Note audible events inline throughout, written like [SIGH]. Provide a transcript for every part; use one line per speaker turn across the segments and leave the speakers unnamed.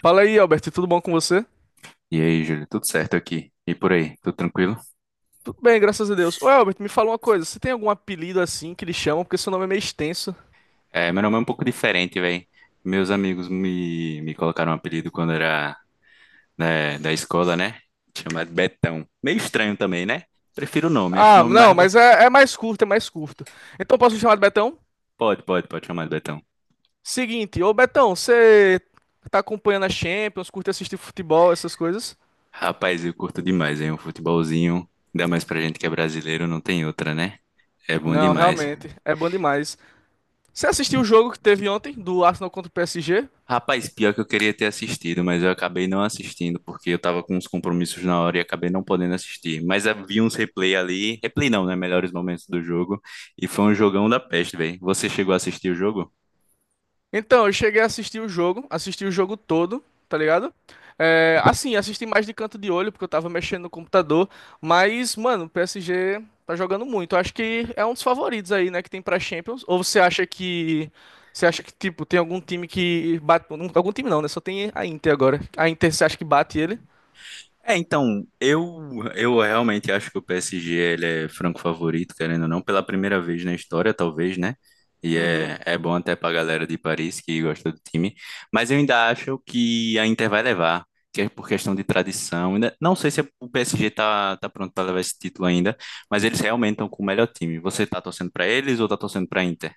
Fala aí, Albert, tudo bom com você?
E aí, Júlio, tudo certo aqui? E por aí, tudo tranquilo?
Tudo bem, graças a Deus. Ô, Albert, me fala uma coisa, você tem algum apelido assim que lhe chamam? Porque seu nome é meio extenso.
É, meu nome é um pouco diferente, velho. Meus amigos me colocaram um apelido quando era, né, da escola, né? Chamado de Betão. Meio estranho também, né? Prefiro o nome, acho o
Ah,
nome
não,
mais.
mas é mais curto, é mais curto. Então posso me chamar de Betão?
Pode, pode, pode chamar de Betão.
Seguinte, ô Betão, você tá acompanhando a Champions, curte assistir futebol, essas coisas?
Rapaz, eu curto demais, hein? Um futebolzinho, ainda mais pra gente que é brasileiro, não tem outra, né? É bom
Não,
demais.
realmente, é bom demais. Você assistiu o jogo que teve ontem do Arsenal contra o PSG?
Rapaz, pior que eu queria ter assistido, mas eu acabei não assistindo porque eu tava com uns compromissos na hora e acabei não podendo assistir. Mas havia uns replay ali, replay não, né? Melhores momentos do jogo. E foi um jogão da peste, velho. Você chegou a assistir o jogo?
Então, eu cheguei a assistir o jogo, assisti o jogo todo, tá ligado? É, assim, assisti mais de canto de olho, porque eu tava mexendo no computador. Mas, mano, o PSG tá jogando muito. Eu acho que é um dos favoritos aí, né, que tem pra Champions. Ou você acha que. Você acha que, tipo, tem algum time que bate. Algum time não, né? Só tem a Inter agora. A Inter, você acha que bate ele?
É, então, eu realmente acho que o PSG ele é franco favorito, querendo ou não, pela primeira vez na história, talvez, né? E
Uhum.
é bom até pra galera de Paris que gosta do time. Mas eu ainda acho que a Inter vai levar, que é por questão de tradição. Ainda, não sei se é, o PSG tá pronto pra levar esse título ainda, mas eles realmente estão com o melhor time. Você tá torcendo pra eles ou tá torcendo pra Inter?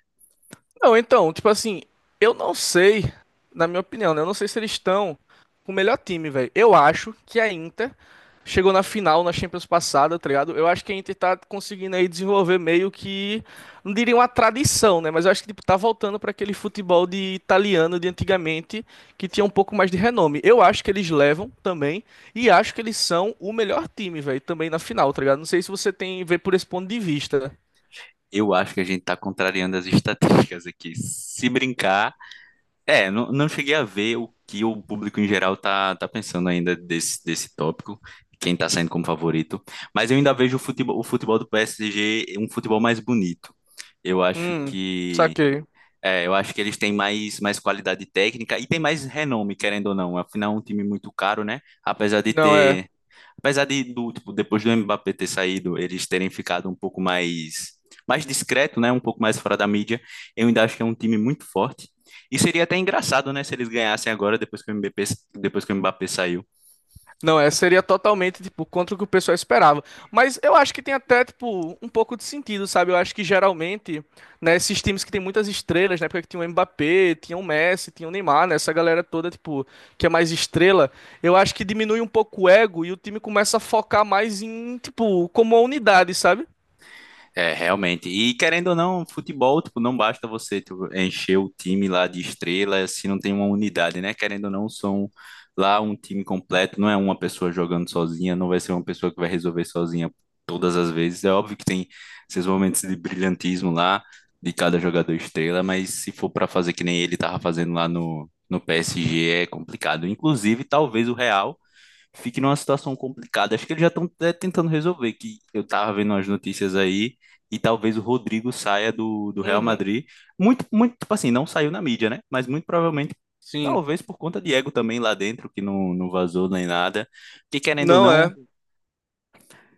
Não, então, tipo assim, eu não sei, na minha opinião, né? Eu não sei se eles estão com o melhor time, velho. Eu acho que a Inter chegou na final na Champions passada, tá ligado? Eu acho que a Inter tá conseguindo aí desenvolver meio que, não diria uma tradição, né? Mas eu acho que tipo, tá voltando pra aquele futebol de italiano de antigamente, que tinha um pouco mais de renome. Eu acho que eles levam também e acho que eles são o melhor time, velho, também na final, tá ligado? Não sei se você tem vê por esse ponto de vista.
Eu acho que a gente tá contrariando as estatísticas aqui. Se brincar. É, não, não cheguei a ver o que o público em geral tá pensando ainda desse tópico, quem tá saindo como favorito, mas eu ainda vejo o futebol do PSG um futebol mais bonito. Eu acho
Hum,
que
saquei.
é, eu acho que eles têm mais qualidade técnica e tem mais renome, querendo ou não. Afinal, é um time muito caro, né?
Não, é.
Apesar do, tipo, depois do Mbappé ter saído, eles terem ficado um pouco mais discreto, né? Um pouco mais fora da mídia, eu ainda acho que é um time muito forte. E seria até engraçado, né? Se eles ganhassem agora, depois que o Mbappé, depois que o Mbappé saiu.
Não, é, seria totalmente, tipo, contra o que o pessoal esperava. Mas eu acho que tem até, tipo, um pouco de sentido, sabe? Eu acho que geralmente, né, esses times que tem muitas estrelas, na época que tinha o Mbappé, tinha o Messi, tinha o Neymar, né, essa galera toda, tipo, que é mais estrela, eu acho que diminui um pouco o ego e o time começa a focar mais em, tipo, como a unidade, sabe?
É, realmente. E querendo ou não, futebol, tipo, não basta você, tipo, encher o time lá de estrela se não tem uma unidade, né? Querendo ou não, são lá um time completo, não é uma pessoa jogando sozinha, não vai ser uma pessoa que vai resolver sozinha todas as vezes. É óbvio que tem esses momentos de brilhantismo lá de cada jogador estrela, mas se for para fazer que nem ele tava fazendo lá no PSG, é complicado. Inclusive, talvez o Real fique numa situação complicada. Acho que eles já estão tentando resolver, que eu tava vendo as notícias aí, e talvez o Rodrigo saia do Real
Uhum,
Madrid. Muito, muito, tipo assim, não saiu na mídia, né? Mas muito provavelmente,
sim.
talvez por conta de ego também lá dentro, que não, não vazou nem nada. Porque querendo ou
Não
não,
é.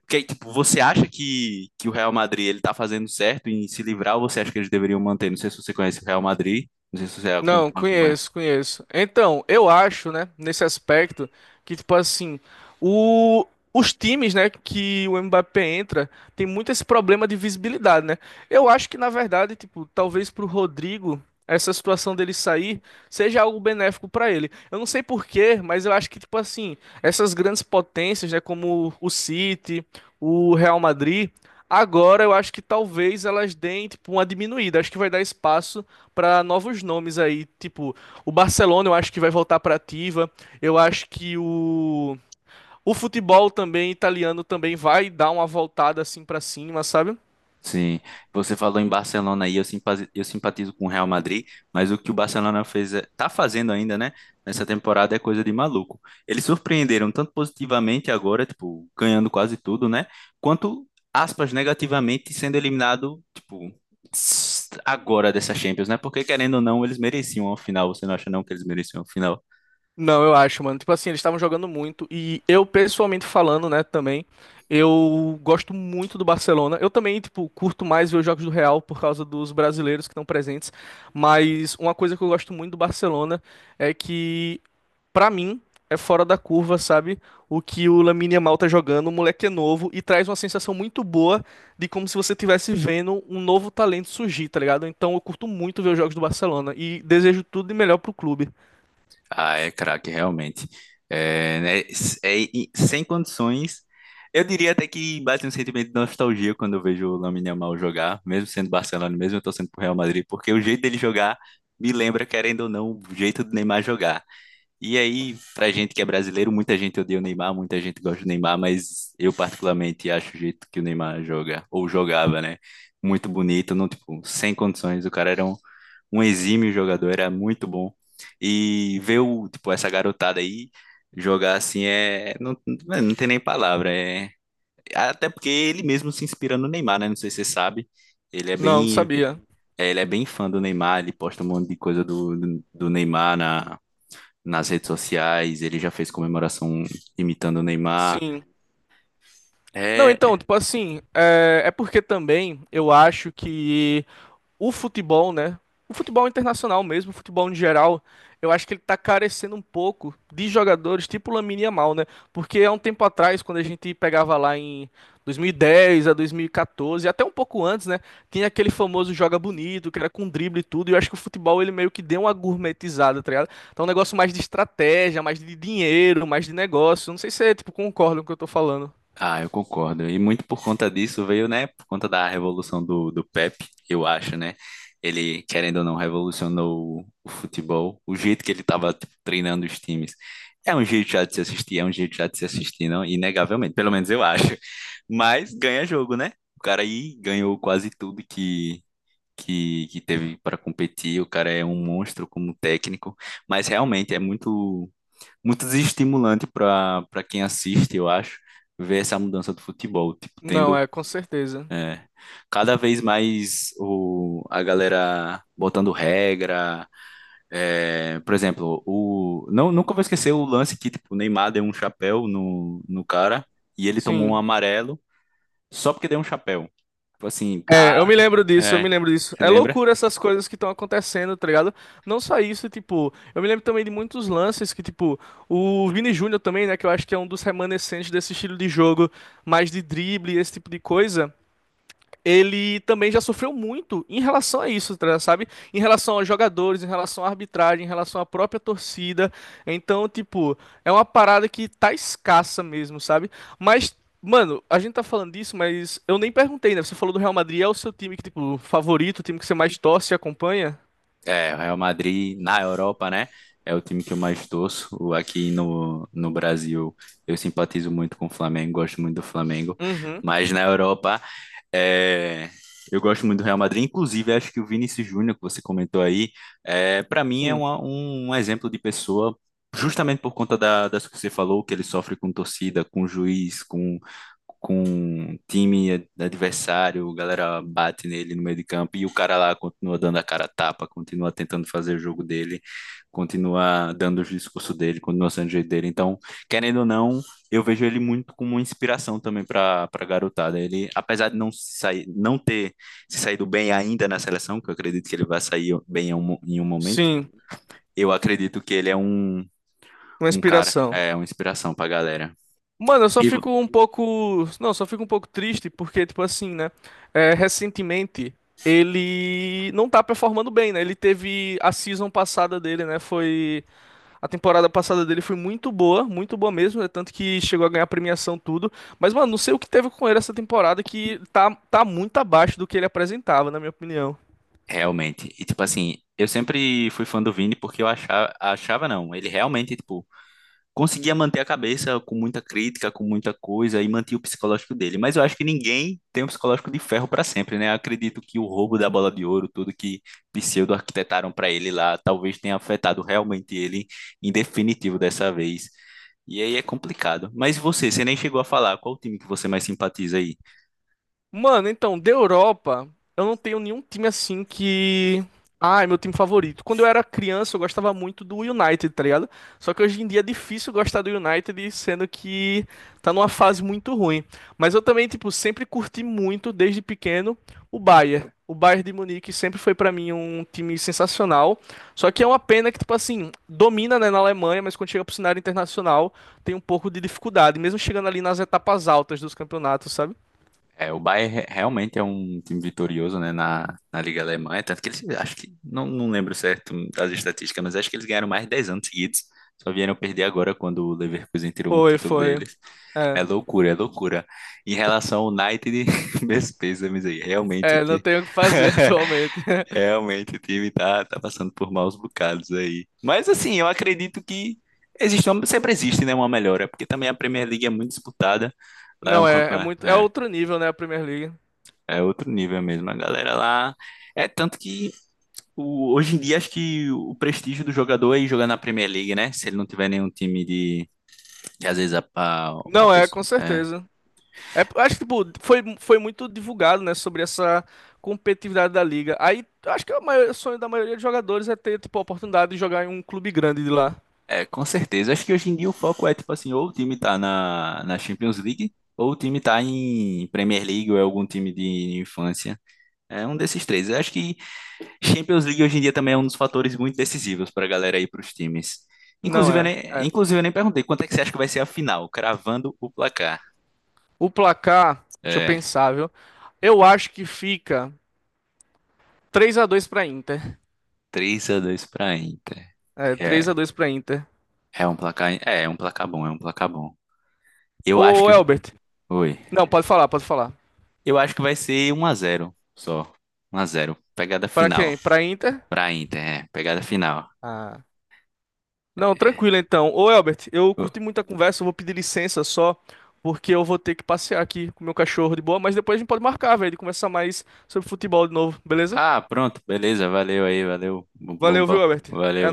que, tipo, você acha que o Real Madrid ele tá fazendo certo em se livrar, ou você acha que eles deveriam manter? Não sei se você conhece o Real Madrid, não sei se você
Não,
acompanha.
conheço, conheço. Então, eu acho, né, nesse aspecto, que, tipo assim, o, os times, né, que o Mbappé entra, tem muito esse problema de visibilidade, né? Eu acho que, na verdade, tipo, talvez pro Rodrigo, essa situação dele sair seja algo benéfico pra ele. Eu não sei por quê, mas eu acho que, tipo assim, essas grandes potências, né, como o City, o Real Madrid, agora eu acho que talvez elas deem, tipo, uma diminuída. Acho que vai dar espaço para novos nomes aí, tipo, o Barcelona eu acho que vai voltar para ativa. Eu acho que o futebol também italiano também vai dar uma voltada assim para cima, sabe?
Sim, você falou em Barcelona aí, eu simpatizo com o Real Madrid, mas o que o Barcelona fez, tá fazendo ainda, né, nessa temporada é coisa de maluco. Eles surpreenderam tanto positivamente agora, tipo, ganhando quase tudo, né, quanto, aspas, negativamente sendo eliminado, tipo, agora dessa Champions, né, porque querendo ou não, eles mereciam a final, você não acha não que eles mereciam a final?
Não, eu acho, mano. Tipo assim, eles estavam jogando muito e eu pessoalmente falando, né, também, eu gosto muito do Barcelona. Eu também, tipo, curto mais ver os jogos do Real por causa dos brasileiros que estão presentes, mas uma coisa que eu gosto muito do Barcelona é que pra mim, é fora da curva, sabe? O que o Lamine Yamal tá jogando, o moleque é novo e traz uma sensação muito boa de como se você estivesse vendo um novo talento surgir, tá ligado? Então eu curto muito ver os jogos do Barcelona e desejo tudo de melhor pro clube.
Ah, é craque, realmente. É, né, é, e sem condições. Eu diria até que bate um sentimento de nostalgia quando eu vejo o Lamine Yamal jogar, mesmo sendo Barcelona, mesmo eu torcendo pro Real Madrid, porque o jeito dele jogar me lembra, querendo ou não, o jeito do Neymar jogar. E aí, pra gente que é brasileiro, muita gente odeia o Neymar, muita gente gosta do Neymar, mas eu particularmente acho o jeito que o Neymar joga, ou jogava, né? Muito bonito, não, tipo, sem condições. O cara era um exímio jogador, era muito bom. E ver o, tipo, essa garotada aí jogar assim é. Não, é, não tem nem palavra. É... Até porque ele mesmo se inspira no Neymar, né? Não sei se você sabe. Ele é
Não, não
bem.
sabia.
É, ele é bem fã do Neymar, ele posta um monte de coisa do Neymar na, nas redes sociais, ele já fez comemoração imitando o Neymar.
Sim. Não, então,
É,
tipo assim, é porque também eu acho que o futebol, né? O futebol internacional mesmo, o futebol em geral, eu acho que ele tá carecendo um pouco de jogadores tipo Lamine Yamal, né? Porque há um tempo atrás, quando a gente pegava lá em 2010 a 2014, até um pouco antes, né? Tinha aquele famoso joga bonito, que era com drible e tudo, e eu acho que o futebol ele meio que deu uma gourmetizada, tá ligado? Então um negócio mais de estratégia, mais de dinheiro, mais de negócio. Não sei se você, tipo, concorda com o que eu tô falando.
ah, eu concordo. E muito por conta disso veio, né? Por conta da revolução do Pepe, eu acho, né? Ele, querendo ou não, revolucionou o futebol. O jeito que ele estava treinando os times. É um jeito já de se assistir, é um jeito já de se assistir, não? Inegavelmente, pelo menos eu acho. Mas ganha jogo, né? O cara aí ganhou quase tudo que teve para competir. O cara é um monstro como técnico. Mas realmente é muito muito desestimulante para quem assiste, eu acho, ver essa mudança do futebol, tipo,
Não,
tendo
é, com certeza.
cada vez mais a galera botando regra, é, por exemplo, o não nunca vou esquecer o lance que tipo, o Neymar deu um chapéu no cara e ele tomou um
Sim.
amarelo só porque deu um chapéu. Tipo assim, tá,
É, eu me lembro disso, eu me
é,
lembro disso.
se
É
lembra?
loucura essas coisas que estão acontecendo, tá ligado? Não só isso, tipo, eu me lembro também de muitos lances que, tipo, o Vini Júnior também, né, que eu acho que é um dos remanescentes desse estilo de jogo, mais de drible, esse tipo de coisa ele também já sofreu muito em relação a isso, tá, sabe? Em relação aos jogadores, em relação à arbitragem, em relação à própria torcida. Então, tipo, é uma parada que tá escassa mesmo, sabe? Mas, mano, a gente tá falando disso, mas eu nem perguntei, né? Você falou do Real Madrid, é o seu time que, tipo, favorito, o time que você mais torce e acompanha?
É, o Real Madrid na Europa, né? É o time que eu mais torço. Aqui no Brasil, eu simpatizo muito com o Flamengo, gosto muito do Flamengo.
Uhum.
Mas na Europa, é, eu gosto muito do Real Madrid. Inclusive, acho que o Vinícius Júnior, que você comentou aí, é, para mim é
Sim.
um exemplo de pessoa, justamente por conta das que você falou, que ele sofre com torcida, com juiz, com time adversário, a galera bate nele no meio de campo e o cara lá continua dando a cara a tapa, continua tentando fazer o jogo dele, continua dando o discurso dele, continua sendo o jeito dele. Então, querendo ou não, eu vejo ele muito como uma inspiração também para garotada. Ele, apesar de não se sair, não ter se saído bem ainda na seleção, que eu acredito que ele vai sair bem em um momento,
Sim,
eu acredito que ele é um,
uma
um cara,
inspiração.
é uma inspiração para a galera.
Mano, eu só
E, vo-
fico um pouco. Não, só fico um pouco triste porque, tipo assim, né? É, recentemente ele não tá performando bem, né? Ele teve a season passada dele, né? Foi. A temporada passada dele foi muito boa mesmo, né? Tanto que chegou a ganhar premiação, tudo. Mas, mano, não sei o que teve com ele essa temporada que tá muito abaixo do que ele apresentava, na minha opinião.
Realmente. E tipo assim, eu sempre fui fã do Vini porque eu achava, achava não, ele realmente tipo conseguia manter a cabeça com muita crítica, com muita coisa e mantinha o psicológico dele. Mas eu acho que ninguém tem um psicológico de ferro para sempre, né? Acredito que o roubo da bola de ouro, tudo que pseudo arquitetaram para ele lá, talvez tenha afetado realmente ele em definitivo dessa vez. E aí é complicado. Mas você nem chegou a falar, qual o time que você mais simpatiza aí?
Mano, então, da Europa, eu não tenho nenhum time assim que. Ah, é meu time favorito. Quando eu era criança, eu gostava muito do United, tá ligado? Só que hoje em dia é difícil gostar do United, sendo que tá numa fase muito ruim. Mas eu também, tipo, sempre curti muito, desde pequeno, o Bayern. O Bayern de Munique sempre foi pra mim um time sensacional. Só que é uma pena que, tipo assim, domina, né, na Alemanha, mas quando chega pro cenário internacional, tem um pouco de dificuldade, mesmo chegando ali nas etapas altas dos campeonatos, sabe?
É, o Bayern realmente é um time vitorioso, né, na Liga Alemã. É tanto que eles, acho que, não, não lembro certo das estatísticas, mas acho que eles ganharam mais de 10 anos seguidos, só vieram perder agora quando o Leverkusen tirou um
Foi,
título
foi.
deles.
É.
É loucura, é loucura. Em relação ao United, [LAUGHS] meus pêsames aí, realmente o
É, não
time,
tenho o que fazer [LAUGHS] atualmente.
[LAUGHS] realmente o time tá passando por maus bocados aí. Mas assim, eu acredito que sempre existe, né, uma melhora, porque também a Premier League é muito disputada, lá é um
Não é, é
campeonato
muito, é outro nível, né, a Premier League.
é outro nível mesmo, a galera lá. É tanto que hoje em dia acho que o prestígio do jogador é ir jogar na Premier League, né? Se ele não tiver nenhum time de. Que às vezes a
Não é, com
pessoa. É.
certeza. É, acho que tipo, foi muito divulgado, né, sobre essa competitividade da liga. Aí, acho que o maior- o sonho da maioria dos jogadores é ter, tipo, a oportunidade de jogar em um clube grande de lá.
É, com certeza. Acho que hoje em dia o foco é tipo assim, ou o time tá na Champions League, ou o time tá em Premier League, ou é algum time de infância. É um desses três. Eu acho que Champions League hoje em dia também é um dos fatores muito decisivos pra galera ir pros times.
Não
Inclusive,
é, é.
eu nem perguntei quanto é que você acha que vai ser a final, cravando o placar.
O placar, deixa eu
É,
pensar, viu? Eu acho que fica três a dois pra Inter.
3-2 pra Inter.
É,
É,
3x2 pra Inter.
é um placar, é um placar bom, é um placar bom. Eu acho
Ô,
que,
Elbert.
oi.
Não, pode falar, pode falar.
Eu acho que vai ser 1-0 só. 1-0. Pegada
Pra
final
quem? Pra Inter?
pra Inter, é, pegada final.
Ah. Não, tranquilo então. Ô, Elbert, eu curti muito a conversa, eu vou pedir licença só, porque eu vou ter que passear aqui com o meu cachorro de boa, mas depois a gente pode marcar, velho, de conversar mais sobre futebol de novo, beleza?
Ah, pronto, beleza, valeu aí, valeu. Bom, bom,
Valeu,
bom.
viu, Elbert? É
Valeu,
nóis.